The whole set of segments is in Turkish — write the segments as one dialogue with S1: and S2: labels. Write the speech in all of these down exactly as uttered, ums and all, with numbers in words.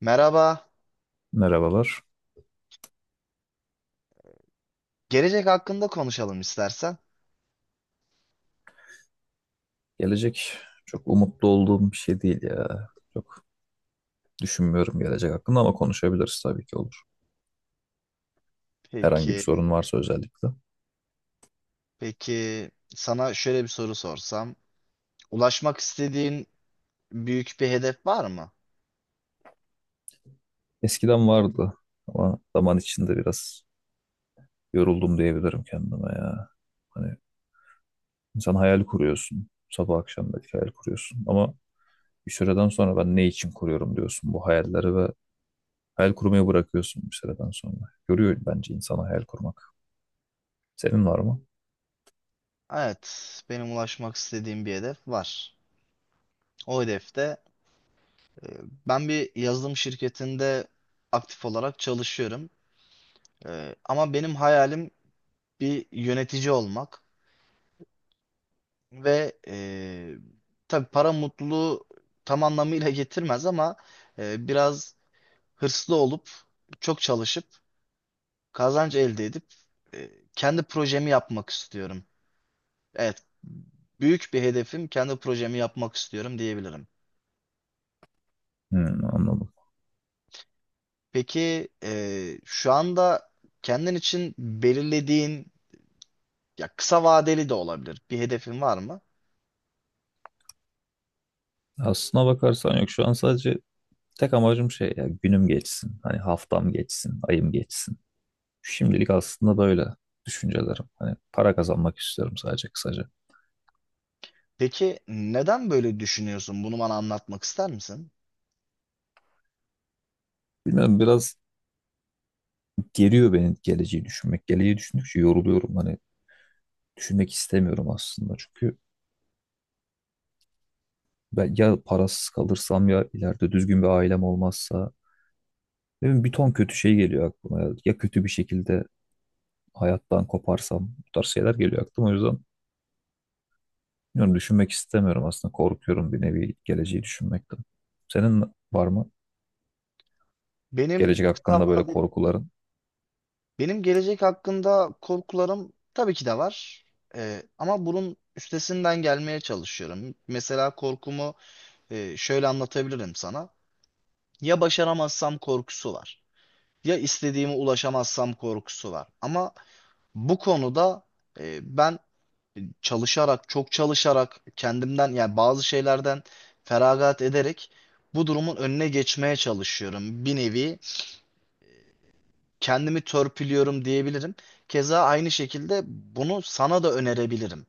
S1: Merhaba.
S2: Merhabalar.
S1: Gelecek hakkında konuşalım istersen.
S2: Gelecek çok umutlu olduğum bir şey değil ya. Düşünmüyorum gelecek hakkında ama konuşabiliriz tabii ki, olur. Herhangi bir
S1: Peki,
S2: sorun varsa özellikle.
S1: peki sana şöyle bir soru sorsam. Ulaşmak istediğin büyük bir hedef var mı?
S2: Eskiden vardı ama zaman içinde biraz yoruldum diyebilirim kendime ya. Hani insan hayal kuruyorsun. Sabah akşam belki hayal kuruyorsun ama bir süreden sonra ben ne için kuruyorum diyorsun bu hayalleri ve hayal kurmayı bırakıyorsun bir süreden sonra. Görüyor bence insana hayal kurmak. Senin var mı?
S1: Evet, benim ulaşmak istediğim bir hedef var. O hedefte e, ben bir yazılım şirketinde aktif olarak çalışıyorum. E, ama benim hayalim bir yönetici olmak ve e, tabii para mutluluğu tam anlamıyla getirmez ama e, biraz hırslı olup çok çalışıp kazanç elde edip e, kendi projemi yapmak istiyorum. Evet, büyük bir hedefim kendi projemi yapmak istiyorum diyebilirim.
S2: Hmm, anladım.
S1: Peki e, şu anda kendin için belirlediğin ya kısa vadeli de olabilir bir hedefin var mı?
S2: Aslına bakarsan yok şu an sadece tek amacım şey ya, günüm geçsin. Hani haftam geçsin, ayım geçsin. Şimdilik aslında böyle düşüncelerim. Hani para kazanmak istiyorum sadece kısaca.
S1: Peki neden böyle düşünüyorsun? Bunu bana anlatmak ister misin?
S2: Bilmiyorum, biraz geriyor beni geleceği düşünmek. Geleceği düşündükçe yoruluyorum. Hani düşünmek istemiyorum aslında. Çünkü ben ya parasız kalırsam, ya ileride düzgün bir ailem olmazsa. Ne bileyim, bir ton kötü şey geliyor aklıma. Ya kötü bir şekilde hayattan koparsam, bu tarz şeyler geliyor aklıma. O yüzden bilmiyorum, düşünmek istemiyorum aslında. Korkuyorum bir nevi geleceği düşünmekten. Senin var mı
S1: Benim
S2: gelecek
S1: kısa
S2: hakkında böyle
S1: vadeli.
S2: korkuların?
S1: Benim gelecek hakkında korkularım tabii ki de var. Ee, ama bunun üstesinden gelmeye çalışıyorum. Mesela korkumu e, şöyle anlatabilirim sana. Ya başaramazsam korkusu var. Ya istediğime ulaşamazsam korkusu var. Ama bu konuda e, ben çalışarak, çok çalışarak kendimden yani bazı şeylerden feragat ederek bu durumun önüne geçmeye çalışıyorum. Bir nevi kendimi törpülüyorum diyebilirim. Keza aynı şekilde bunu sana da önerebilirim.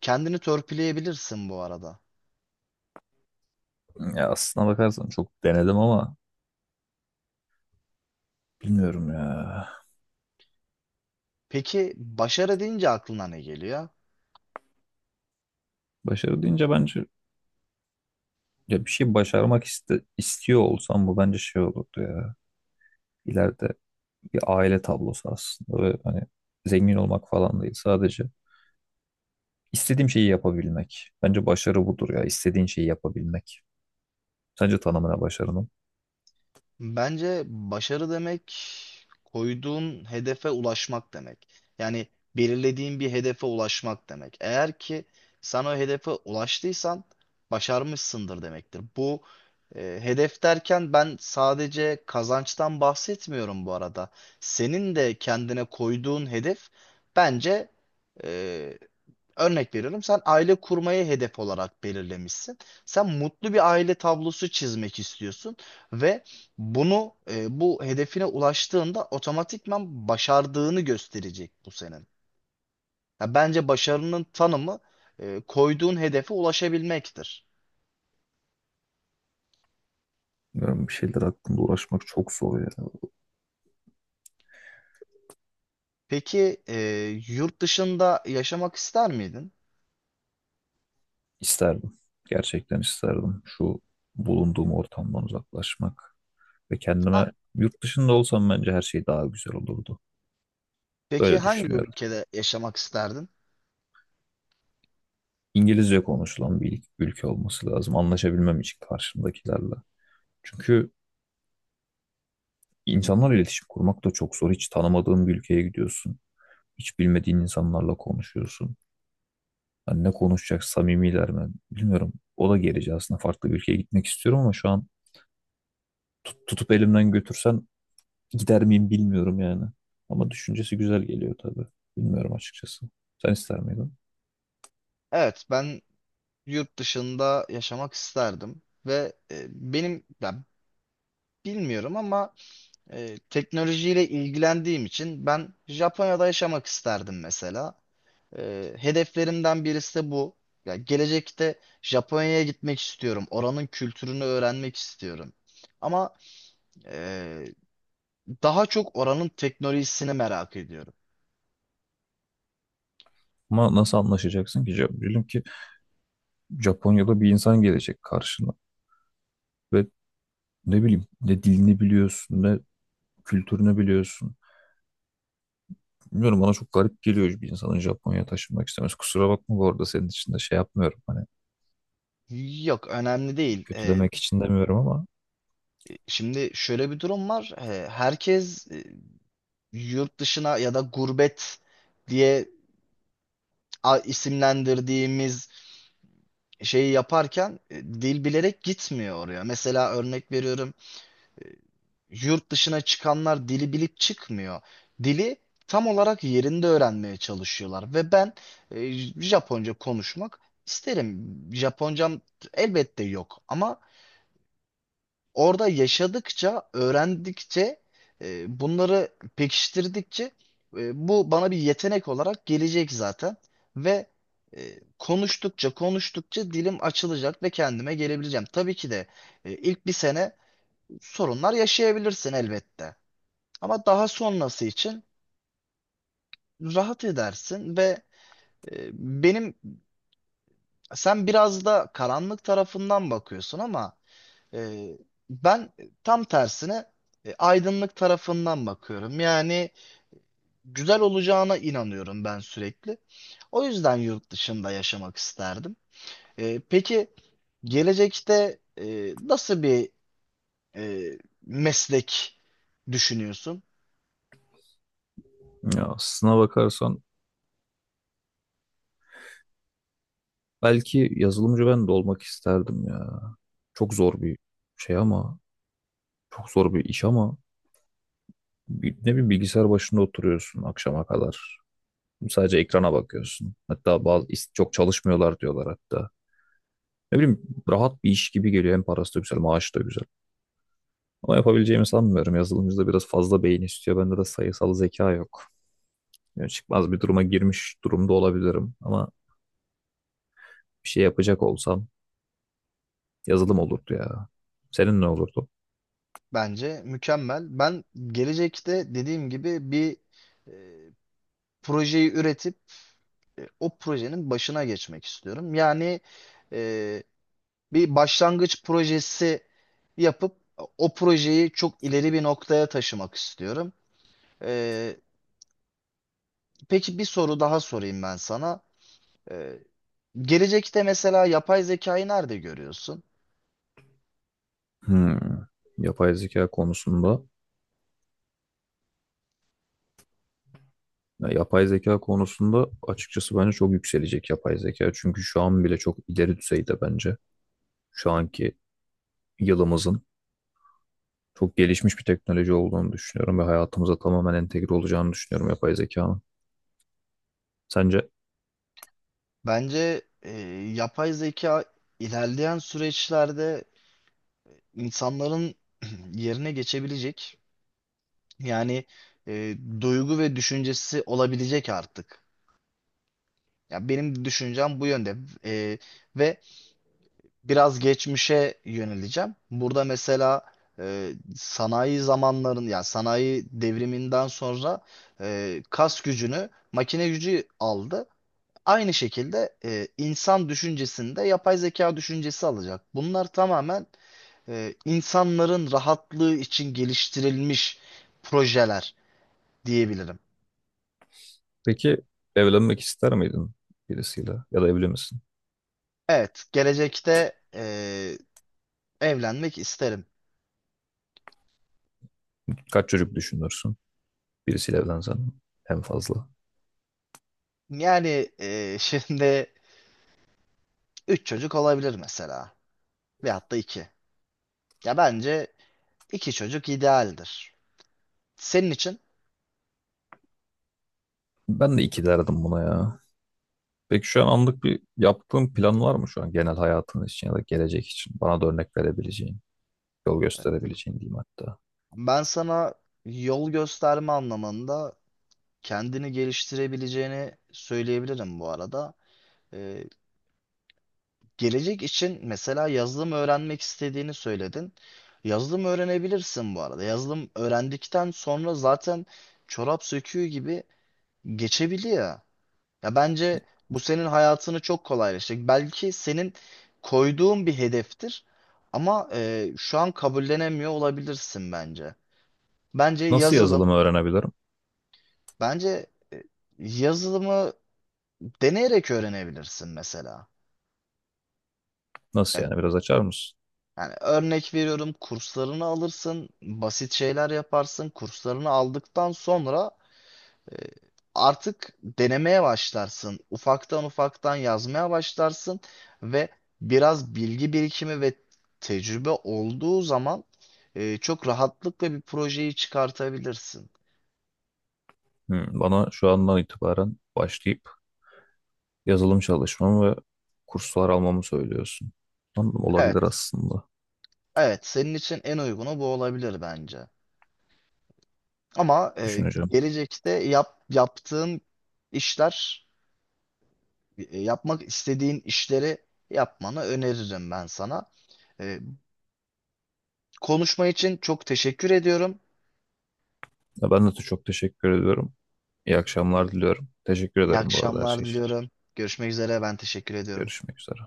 S1: Kendini törpüleyebilirsin bu arada.
S2: Ya aslına bakarsan çok denedim ama bilmiyorum ya.
S1: Peki başarı deyince aklına ne geliyor?
S2: Başarı deyince bence ya bir şey başarmak iste, istiyor olsam bu bence şey olurdu ya. İleride bir aile tablosu aslında ve hani zengin olmak falan değil, sadece istediğim şeyi yapabilmek. Bence başarı budur ya, istediğin şeyi yapabilmek. Sence tanımına başarının?
S1: Bence başarı demek koyduğun hedefe ulaşmak demek. Yani belirlediğin bir hedefe ulaşmak demek. Eğer ki sen o hedefe ulaştıysan başarmışsındır demektir. Bu e, hedef derken ben sadece kazançtan bahsetmiyorum bu arada. Senin de kendine koyduğun hedef bence. e, Örnek veriyorum sen aile kurmayı hedef olarak belirlemişsin. Sen mutlu bir aile tablosu çizmek istiyorsun ve bunu e, bu hedefine ulaştığında otomatikman başardığını gösterecek bu senin. Ya bence başarının tanımı e, koyduğun hedefe ulaşabilmektir.
S2: Bilmiyorum, bir şeyler hakkında uğraşmak çok zor ya.
S1: Peki e, yurt dışında yaşamak ister miydin?
S2: İsterdim. Gerçekten isterdim. Şu bulunduğum ortamdan uzaklaşmak ve
S1: Ha,
S2: kendime, yurt dışında olsam bence her şey daha güzel olurdu.
S1: peki
S2: Böyle
S1: hangi
S2: düşünüyorum.
S1: ülkede yaşamak isterdin?
S2: İngilizce konuşulan bir ülke olması lazım. Anlaşabilmem için karşımdakilerle. Çünkü insanlarla iletişim kurmak da çok zor. Hiç tanımadığın bir ülkeye gidiyorsun. Hiç bilmediğin insanlarla konuşuyorsun. Yani ne konuşacak, samimiler mi? Bilmiyorum. O da gerici aslında. Farklı bir ülkeye gitmek istiyorum ama şu an tut- tutup elimden götürsen gider miyim bilmiyorum yani. Ama düşüncesi güzel geliyor tabii. Bilmiyorum açıkçası. Sen ister miydin?
S1: Evet ben yurt dışında yaşamak isterdim ve e, benim ya bilmiyorum ama e, teknolojiyle ilgilendiğim için ben Japonya'da yaşamak isterdim mesela. E, hedeflerimden birisi de bu. Ya gelecekte Japonya'ya gitmek istiyorum. Oranın kültürünü öğrenmek istiyorum. Ama e, daha çok oranın teknolojisini merak ediyorum.
S2: Ama nasıl anlaşacaksın ki? Ja- Diyelim ki Japonya'da bir insan gelecek karşına ve ne bileyim, ne dilini biliyorsun ne kültürünü biliyorsun. Bilmiyorum, bana çok garip geliyor bir insanın Japonya'ya taşınmak istemesi. Kusura bakma bu arada, senin için de şey yapmıyorum. Hani
S1: Yok önemli değil. E,
S2: kötülemek için demiyorum ama
S1: şimdi şöyle bir durum var. E, herkes e, yurt dışına ya da gurbet diye a- isimlendirdiğimiz şeyi yaparken e, dil bilerek gitmiyor oraya. Mesela örnek veriyorum e, yurt dışına çıkanlar dili bilip çıkmıyor. Dili tam olarak yerinde öğrenmeye çalışıyorlar ve ben e, Japonca konuşmak isterim. Japoncam elbette yok ama orada yaşadıkça, öğrendikçe, e, bunları pekiştirdikçe e, bu bana bir yetenek olarak gelecek zaten ve e, konuştukça konuştukça dilim açılacak ve kendime gelebileceğim. Tabii ki de e, ilk bir sene sorunlar yaşayabilirsin elbette. Ama daha sonrası için rahat edersin ve e, benim sen biraz da karanlık tarafından bakıyorsun ama. E, Ben tam tersine e, aydınlık tarafından bakıyorum. Yani güzel olacağına inanıyorum ben sürekli. O yüzden yurt dışında yaşamak isterdim. E, peki gelecekte e, nasıl bir e, meslek düşünüyorsun?
S2: ya aslına bakarsan belki yazılımcı ben de olmak isterdim ya. Çok zor bir şey ama çok zor bir iş ama bi- ne bileyim, bilgisayar başında oturuyorsun akşama kadar. Sadece ekrana bakıyorsun. Hatta bazı is- çok çalışmıyorlar diyorlar hatta. Ne bileyim, rahat bir iş gibi geliyor. Hem parası da güzel, maaşı da güzel. Ama yapabileceğimi sanmıyorum. Yazılımcıda biraz fazla beyin istiyor. Bende de sayısal zeka yok. Yani çıkmaz bir duruma girmiş durumda olabilirim. Ama bir şey yapacak olsam yazılım olurdu ya. Senin ne olurdu?
S1: Bence mükemmel. Ben gelecekte dediğim gibi bir e, projeyi üretip e, o projenin başına geçmek istiyorum. Yani e, bir başlangıç projesi yapıp o projeyi çok ileri bir noktaya taşımak istiyorum. Ee, peki bir soru daha sorayım ben sana. Ee, Gelecekte mesela yapay zekayı nerede görüyorsun?
S2: Hmm. Yapay zeka konusunda. Ya yapay zeka konusunda açıkçası bence çok yükselecek yapay zeka. Çünkü şu an bile çok ileri düzeyde bence. Şu anki yılımızın çok gelişmiş bir teknoloji olduğunu düşünüyorum ve hayatımıza tamamen entegre olacağını düşünüyorum yapay zekanın. Sence
S1: Bence e, yapay zeka ilerleyen süreçlerde insanların yerine geçebilecek. Yani e, duygu ve düşüncesi olabilecek artık. Ya benim düşüncem bu yönde. E, Ve biraz geçmişe yöneleceğim. Burada mesela e, sanayi zamanların yani sanayi devriminden sonra e, kas gücünü makine gücü aldı. Aynı şekilde e, insan düşüncesinde yapay zeka düşüncesi alacak. Bunlar tamamen e, insanların rahatlığı için geliştirilmiş projeler diyebilirim.
S2: peki evlenmek ister miydin birisiyle, ya da evli misin?
S1: Evet, gelecekte e, evlenmek isterim.
S2: Kaç çocuk düşünürsün birisiyle evlensen en fazla?
S1: Yani e, şimdi üç çocuk olabilir mesela. Veyahut da iki. Ya bence iki çocuk idealdir. Senin için
S2: Ben de iki derdim buna ya. Peki şu an anlık bir yaptığın plan var mı şu an genel hayatın için ya da gelecek için? Bana da örnek verebileceğin, yol gösterebileceğin diyeyim hatta.
S1: ben sana yol gösterme anlamında kendini geliştirebileceğini söyleyebilirim bu arada. Ee, Gelecek için mesela yazılım öğrenmek istediğini söyledin. Yazılım öğrenebilirsin bu arada. Yazılım öğrendikten sonra zaten çorap söküğü gibi geçebiliyor. Ya bence bu senin hayatını çok kolaylaştıracak. Belki senin koyduğun bir hedeftir ama e, şu an kabullenemiyor olabilirsin bence. Bence
S2: Nasıl
S1: yazılım,
S2: yazılımı öğrenebilirim?
S1: bence e, yazılımı deneyerek öğrenebilirsin mesela.
S2: Nasıl
S1: Ya-
S2: yani, biraz açar mısın?
S1: Yani, örnek veriyorum kurslarını alırsın, basit şeyler yaparsın, kurslarını aldıktan sonra. E, Artık denemeye başlarsın. Ufaktan ufaktan yazmaya başlarsın ve biraz bilgi birikimi ve tecrübe olduğu zaman e, çok rahatlıkla bir projeyi çıkartabilirsin.
S2: Hmm, bana şu andan itibaren başlayıp yazılım çalışmamı ve kurslar almamı söylüyorsun. Anladım, olabilir
S1: Evet,
S2: aslında.
S1: evet senin için en uygunu bu olabilir bence. Ama e,
S2: Düşüneceğim.
S1: gelecekte yap, yaptığın işler, e, yapmak istediğin işleri yapmanı öneririm ben sana. E, Konuşma için çok teşekkür ediyorum.
S2: Ya ben de çok teşekkür ediyorum. İyi akşamlar
S1: E,
S2: diliyorum. Teşekkür
S1: İyi
S2: ederim bu arada her
S1: akşamlar
S2: şey için.
S1: diliyorum. Görüşmek üzere. Ben teşekkür ediyorum.
S2: Görüşmek üzere.